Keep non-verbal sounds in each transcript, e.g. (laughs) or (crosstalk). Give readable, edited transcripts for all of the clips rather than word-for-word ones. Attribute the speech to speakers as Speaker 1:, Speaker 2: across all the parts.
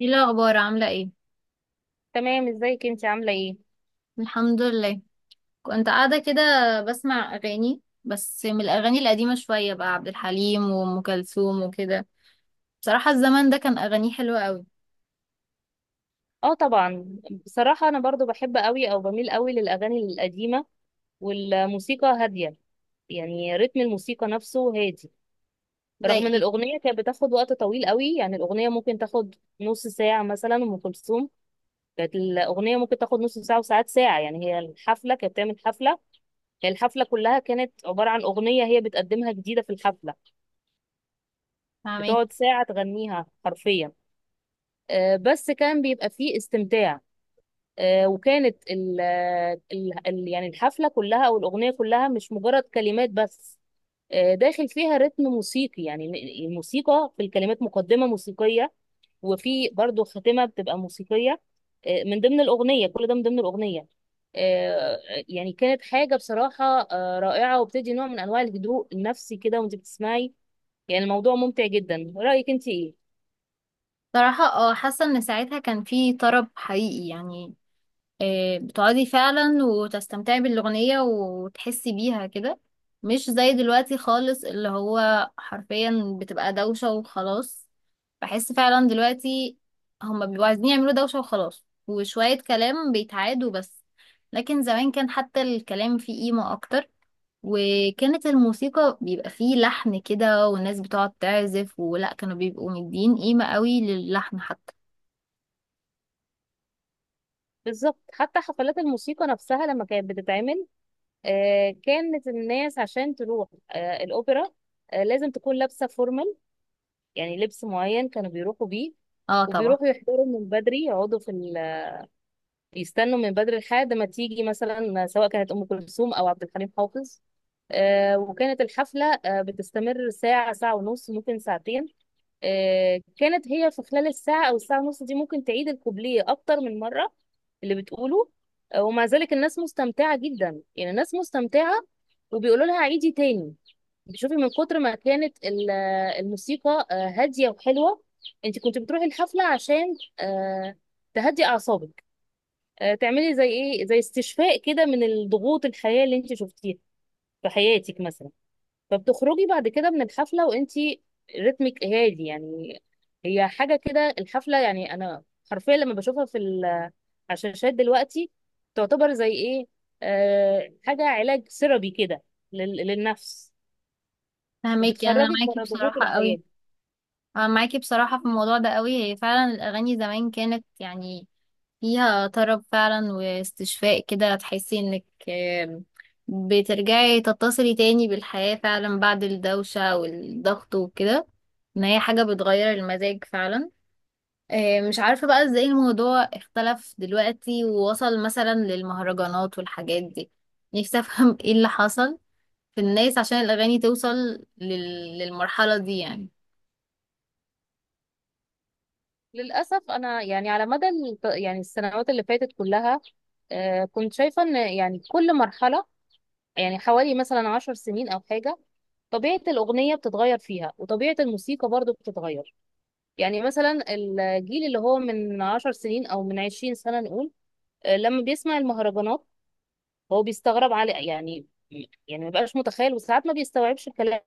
Speaker 1: ايه الاخبار عامله ايه؟
Speaker 2: تمام. ازيك انت؟ عامله ايه؟
Speaker 1: الحمد لله. كنت قاعده كده بسمع اغاني، بس من الاغاني القديمه شويه، بقى عبد الحليم وام كلثوم وكده. بصراحه الزمن ده كان اغانيه حلوه قوي.
Speaker 2: اه طبعا. بصراحه انا برضو بحب قوي او بميل قوي للاغاني القديمه، والموسيقى هاديه، يعني رتم الموسيقى نفسه هادي.
Speaker 1: زي
Speaker 2: رغم ان
Speaker 1: ايه؟
Speaker 2: الاغنيه كانت بتاخد وقت طويل قوي، يعني الاغنيه ممكن تاخد نص ساعه، مثلا ام كلثوم كانت الاغنيه ممكن تاخد نص ساعه وساعات ساعه. يعني هي الحفله كانت بتعمل حفله، هي الحفله كلها كانت عباره عن اغنيه هي بتقدمها جديده في الحفله،
Speaker 1: فاهمين.
Speaker 2: بتقعد ساعه تغنيها حرفيا. بس كان بيبقى فيه استمتاع. وكانت يعني الحفلة كلها أو الأغنية كلها مش مجرد كلمات بس. داخل فيها رتم موسيقي، يعني الموسيقى في الكلمات، مقدمة موسيقية وفي برضو خاتمة بتبقى موسيقية. من ضمن الأغنية، كل ده من ضمن الأغنية. آه، يعني كانت حاجة بصراحة رائعة، وبتدي نوع من أنواع الهدوء النفسي كده وأنت بتسمعي. يعني الموضوع ممتع جدا. رأيك أنت إيه؟
Speaker 1: بصراحه حاسه ان ساعتها كان في طرب حقيقي يعني. بتقعدي فعلا وتستمتعي بالأغنية وتحسي بيها كده. مش زي دلوقتي خالص، اللي هو حرفيا بتبقى دوشة وخلاص. بحس فعلا دلوقتي هما بيبقوا عايزين يعملوا دوشة وخلاص، وشوية كلام بيتعادوا بس. لكن زمان كان حتى الكلام فيه قيمة أكتر. وكانت الموسيقى بيبقى فيه لحن كده، والناس بتقعد تعزف، ولا كانوا بيبقوا مدين قيمة قوي للحن حتى.
Speaker 2: بالظبط. حتى حفلات الموسيقى نفسها لما كانت بتتعمل، كانت الناس عشان تروح الأوبرا، لازم تكون لابسة فورمال، يعني لبس معين كانوا بيروحوا بيه.
Speaker 1: اه طبعا.
Speaker 2: وبيروحوا يحضروا من بدري، يقعدوا في يستنوا من بدري لحد ما تيجي، مثلا سواء كانت أم كلثوم أو عبد الحليم حافظ. وكانت الحفلة بتستمر ساعة، ساعة ونص، ممكن ساعتين. كانت هي في خلال الساعة أو الساعة ونص دي ممكن تعيد الكوبليه أكتر من مرة اللي بتقوله. ومع ذلك الناس مستمتعة جدا، يعني الناس مستمتعة وبيقولوا لها عيدي تاني. بتشوفي من كتر ما كانت الموسيقى هادية وحلوة. انت كنت بتروحي الحفلة عشان تهدي أعصابك، تعملي زي ايه، زي استشفاء كده من الضغوط الحياة اللي انت شفتيها في حياتك مثلا. فبتخرجي بعد كده من الحفلة وانتي رتمك هادي يعني. هي حاجة كده الحفلة. يعني انا حرفيا لما بشوفها في على الشاشات دلوقتي، تعتبر زي ايه، آه، حاجة علاج سيرابي كده للنفس،
Speaker 1: فهماكي، انا
Speaker 2: وبتخرجك
Speaker 1: معاكي
Speaker 2: بره ضغوط
Speaker 1: بصراحة
Speaker 2: الحياة.
Speaker 1: قوي. أنا معاكي بصراحة في الموضوع ده قوي، هي فعلا الأغاني زمان كانت يعني فيها طرب فعلا واستشفاء كده، تحسي إنك بترجعي تتصلي تاني بالحياة فعلا بعد الدوشة والضغط وكده. إن هي حاجة بتغير المزاج فعلا. مش عارفة بقى إزاي الموضوع اختلف دلوقتي ووصل مثلا للمهرجانات والحاجات دي. نفسي أفهم (laughs) إيه اللي حصل في الناس عشان الأغاني توصل للمرحلة دي يعني.
Speaker 2: للأسف أنا يعني على مدى يعني السنوات اللي فاتت كلها، آه، كنت شايفة إن يعني كل مرحلة، يعني حوالي مثلا 10 سنين أو حاجة، طبيعة الأغنية بتتغير فيها، وطبيعة الموسيقى برضو بتتغير. يعني مثلا الجيل اللي هو من 10 سنين او من 20 سنة نقول، لما بيسمع المهرجانات هو بيستغرب على يعني، يعني ما بقاش متخيل، وساعات ما بيستوعبش الكلام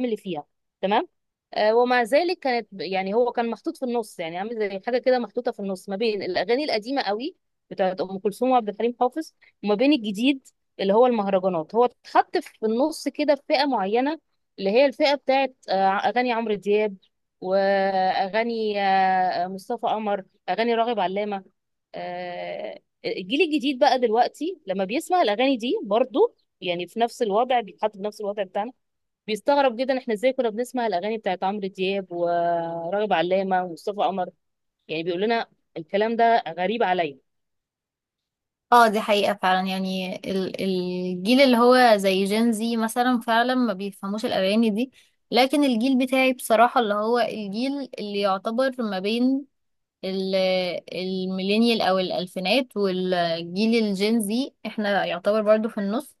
Speaker 2: اللي فيها. تمام. ومع ذلك كانت، يعني هو كان محطوط في النص، يعني عامل زي حاجه كده محطوطه في النص ما بين الاغاني القديمه قوي بتاعت ام كلثوم وعبد الحليم حافظ، وما بين الجديد اللي هو المهرجانات. هو اتحط في النص كده في فئه معينه، اللي هي الفئه بتاعت اغاني عمرو دياب، واغاني مصطفى قمر، اغاني راغب علامه. آه، الجيل الجديد بقى دلوقتي لما بيسمع الاغاني دي برضو، يعني في نفس الوضع، بيتحط في نفس الوضع بتاعنا. بيستغرب جدا احنا ازاي كنا بنسمع الاغاني بتاعت عمرو دياب وراغب علامه ومصطفى قمر. يعني بيقول لنا الكلام ده غريب عليا.
Speaker 1: اه دي حقيقة فعلا، يعني الجيل اللي هو زي جين، زي مثلا فعلا ما بيفهموش الأغاني دي. لكن الجيل بتاعي بصراحة، اللي هو الجيل اللي يعتبر ما بين ال- الميلينيال أو الألفينات، والجيل الجين زي احنا يعتبر برضو في النص.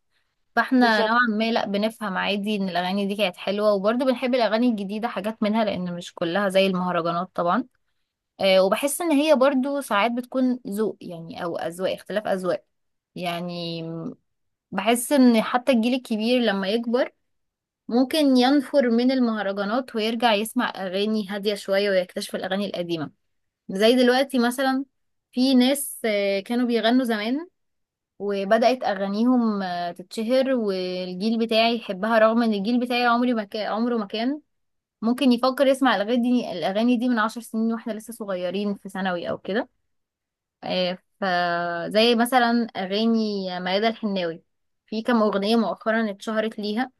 Speaker 1: فاحنا
Speaker 2: بالظبط.
Speaker 1: نوعا ما لا بنفهم عادي ان الأغاني دي كانت حلوة، وبرضو بنحب الأغاني الجديدة حاجات منها، لأن مش كلها زي المهرجانات طبعا. آه، وبحس ان هي برضو ساعات بتكون ذوق يعني، او اذواق، اختلاف اذواق. يعني بحس ان حتى الجيل الكبير لما يكبر، ممكن ينفر من المهرجانات ويرجع يسمع اغاني هادية شوية، ويكتشف الاغاني القديمة. زي دلوقتي مثلا في ناس كانوا بيغنوا زمان، وبدأت اغانيهم تتشهر والجيل بتاعي يحبها، رغم ان الجيل بتاعي عمري ما كان، عمره ما كان ممكن يفكر يسمع الاغاني دي من 10 سنين، واحنا لسه صغيرين في ثانوي او كده. فزي مثلا أغاني ميادة الحناوي، في كام أغنية مؤخرا اتشهرت ليها،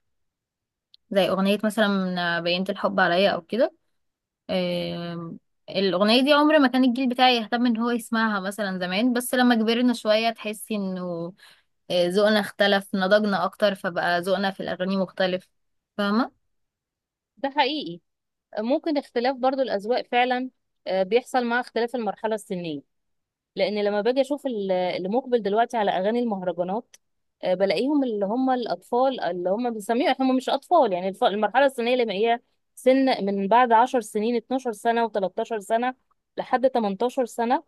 Speaker 1: زي أغنية مثلا بينت الحب عليا أو كده. آم، الأغنية دي عمر ما كان الجيل بتاعي يهتم إن هو يسمعها مثلا زمان، بس لما كبرنا شوية تحسي إنه ذوقنا اختلف، نضجنا أكتر، فبقى ذوقنا في الأغاني مختلف. فاهمة؟
Speaker 2: ده حقيقي. ممكن اختلاف برضو الاذواق فعلا، بيحصل مع اختلاف المرحله السنيه. لان لما باجي اشوف اللي مقبل دلوقتي على اغاني المهرجانات، بلاقيهم اللي هم الاطفال، اللي هم بنسميهم هم مش اطفال، يعني المرحله السنيه اللي هي سن من بعد 10 سنين، 12 سنه و13 سنه لحد 18 سنه،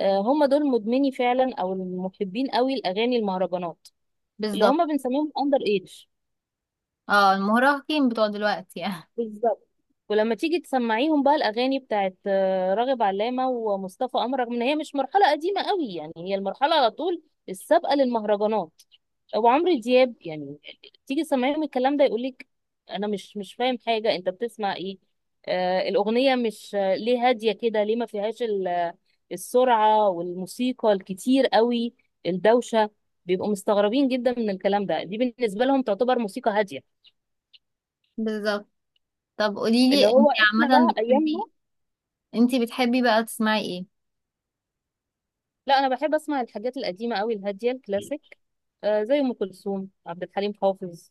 Speaker 2: هم دول مدمني فعلا او المحبين قوي لاغاني المهرجانات، اللي
Speaker 1: بالظبط.
Speaker 2: هم بنسميهم اندر ايدج.
Speaker 1: اه المراهقين بتوع دلوقتي يعني.
Speaker 2: ولما تيجي تسمعيهم بقى الاغاني بتاعت راغب علامه ومصطفى قمر، رغم ان هي مش مرحله قديمه قوي، يعني هي المرحله على طول السابقه للمهرجانات، وعمرو دياب يعني، تيجي تسمعيهم الكلام ده يقولك انا مش فاهم حاجه، انت بتسمع ايه؟ آه الاغنيه مش آه، ليه هاديه كده؟ ليه ما فيهاش السرعه والموسيقى الكتير قوي، الدوشه. بيبقوا مستغربين جدا من الكلام ده. دي بالنسبه لهم تعتبر موسيقى هاديه،
Speaker 1: (laughs) بالظبط. طب
Speaker 2: اللي
Speaker 1: قوليلي،
Speaker 2: هو احنا بقى ايامنا.
Speaker 1: انتي بتحبي بقى تسمعي ايه؟
Speaker 2: لا، انا بحب اسمع الحاجات القديمه قوي، الهاديه، الكلاسيك، آه زي ام كلثوم، عبد الحليم حافظ،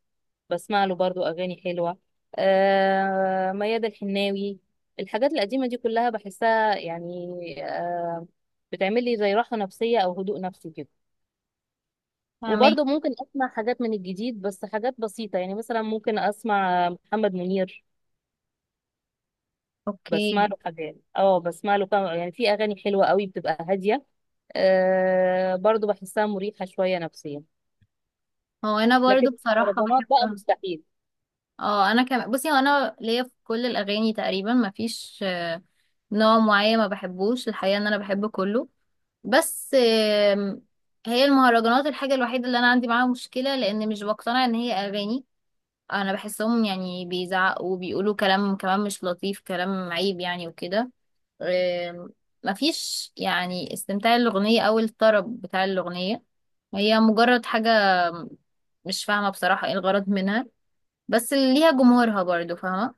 Speaker 2: بسمع له برضو اغاني حلوه، آه ميادة الحناوي. الحاجات القديمه دي كلها بحسها يعني، آه، بتعمل لي زي راحه نفسيه او هدوء نفسي كده.
Speaker 1: فاهمك.
Speaker 2: وبرضو ممكن اسمع حاجات من الجديد، بس حاجات بسيطه، يعني مثلا ممكن اسمع محمد منير، بسمع
Speaker 1: اوكي.
Speaker 2: له حاجات، اه بسمع له كم، يعني في اغاني حلوه قوي بتبقى هاديه، آه برضو بحسها مريحه شويه نفسيا.
Speaker 1: هو انا
Speaker 2: لكن
Speaker 1: برضو بصراحة
Speaker 2: المهرجانات بقى
Speaker 1: بحبها.
Speaker 2: مستحيل.
Speaker 1: اه انا كمان، بصي هو انا ليا في كل الاغاني تقريبا مفيش نوع معين ما بحبوش، الحقيقة ان انا بحب كله. بس آم، هي المهرجانات الحاجة الوحيدة اللي انا عندي معاها مشكلة، لان مش بقتنع ان هي اغاني. انا بحسهم يعني بيزعقوا وبيقولوا كلام كمان مش لطيف، كلام عيب يعني وكده. آم، مفيش يعني استمتاع الأغنية أو الطرب بتاع الأغنية، هي مجرد حاجة، مش فاهمة بصراحة ايه الغرض منها. بس ليها جمهورها برضو، فاهمة؟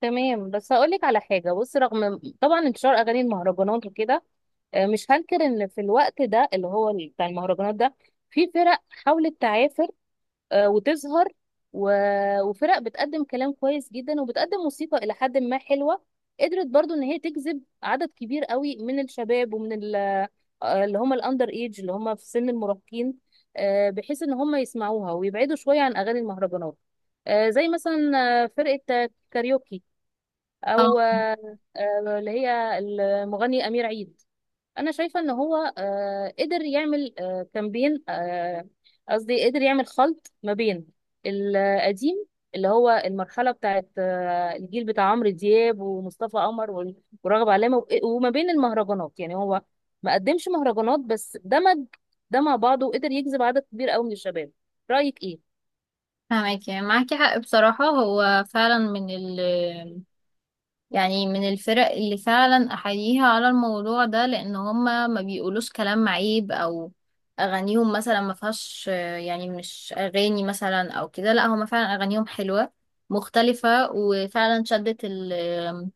Speaker 2: تمام. بس هقول لك على حاجه. بص، رغم طبعا انتشار اغاني المهرجانات وكده، مش هنكر ان في الوقت ده اللي هو بتاع المهرجانات ده، في فرق حاولت تعافر وتظهر، وفرق بتقدم كلام كويس جدا، وبتقدم موسيقى إلى حد ما حلوة. قدرت برضو إن هي تجذب عدد كبير قوي من الشباب، ومن اللي هم الأندر إيج، اللي هم في سن المراهقين، بحيث إن هم يسمعوها ويبعدوا شوية عن أغاني المهرجانات. زي مثلا فرقة كاريوكي،
Speaker 1: اه
Speaker 2: أو اللي هي المغني أمير عيد. انا شايفه ان هو قدر يعمل آه، كامبين آه، قصدي قدر يعمل خلط ما بين القديم، اللي هو المرحله بتاعت الجيل بتاع عمرو دياب ومصطفى قمر ورغب علامه، وما بين المهرجانات، يعني هو ما قدمش مهرجانات بس دمج ده مع بعضه، وقدر يجذب عدد كبير قوي من الشباب. رايك ايه؟
Speaker 1: فاهمك، يعني معاكي حق بصراحة، هو فعلا من ال يعني من الفرق اللي فعلا احييها على الموضوع ده، لان هما ما بيقولوش كلام عيب، او اغانيهم مثلا ما فيهاش يعني مش اغاني مثلا او كده، لا هما فعلا اغانيهم حلوة مختلفة، وفعلا شدت ال- آم،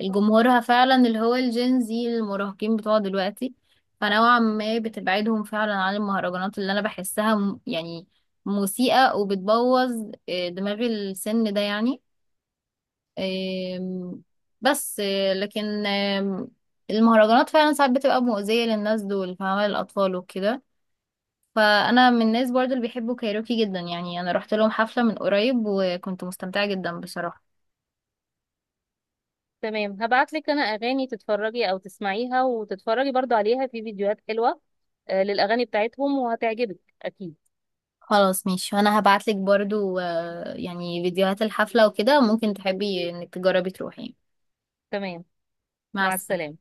Speaker 1: الجمهورها فعلا، اللي هو الجينزي المراهقين بتوع دلوقتي. فنوعا ما بتبعدهم فعلا عن المهرجانات، اللي انا بحسها يعني مسيئة، وبتبوظ دماغ السن ده يعني. آم، بس لكن المهرجانات فعلا ساعات بتبقى مؤذية للناس دول، فاهمة؟ للأطفال وكده. فأنا من الناس برضو اللي بيحبوا كايروكي جدا، يعني أنا رحت لهم حفلة من قريب، وكنت مستمتعة جدا بصراحة.
Speaker 2: تمام. هبعت لك انا اغاني تتفرجي او تسمعيها وتتفرجي برضو عليها في فيديوهات حلوه للاغاني بتاعتهم وهتعجبك اكيد.
Speaker 1: خلاص ماشي، وأنا هبعتلك برضو يعني فيديوهات الحفلة وكده، ممكن تحبي إنك تجربي تروحي.
Speaker 2: تمام.
Speaker 1: مع
Speaker 2: مع
Speaker 1: السلامة.
Speaker 2: السلامه.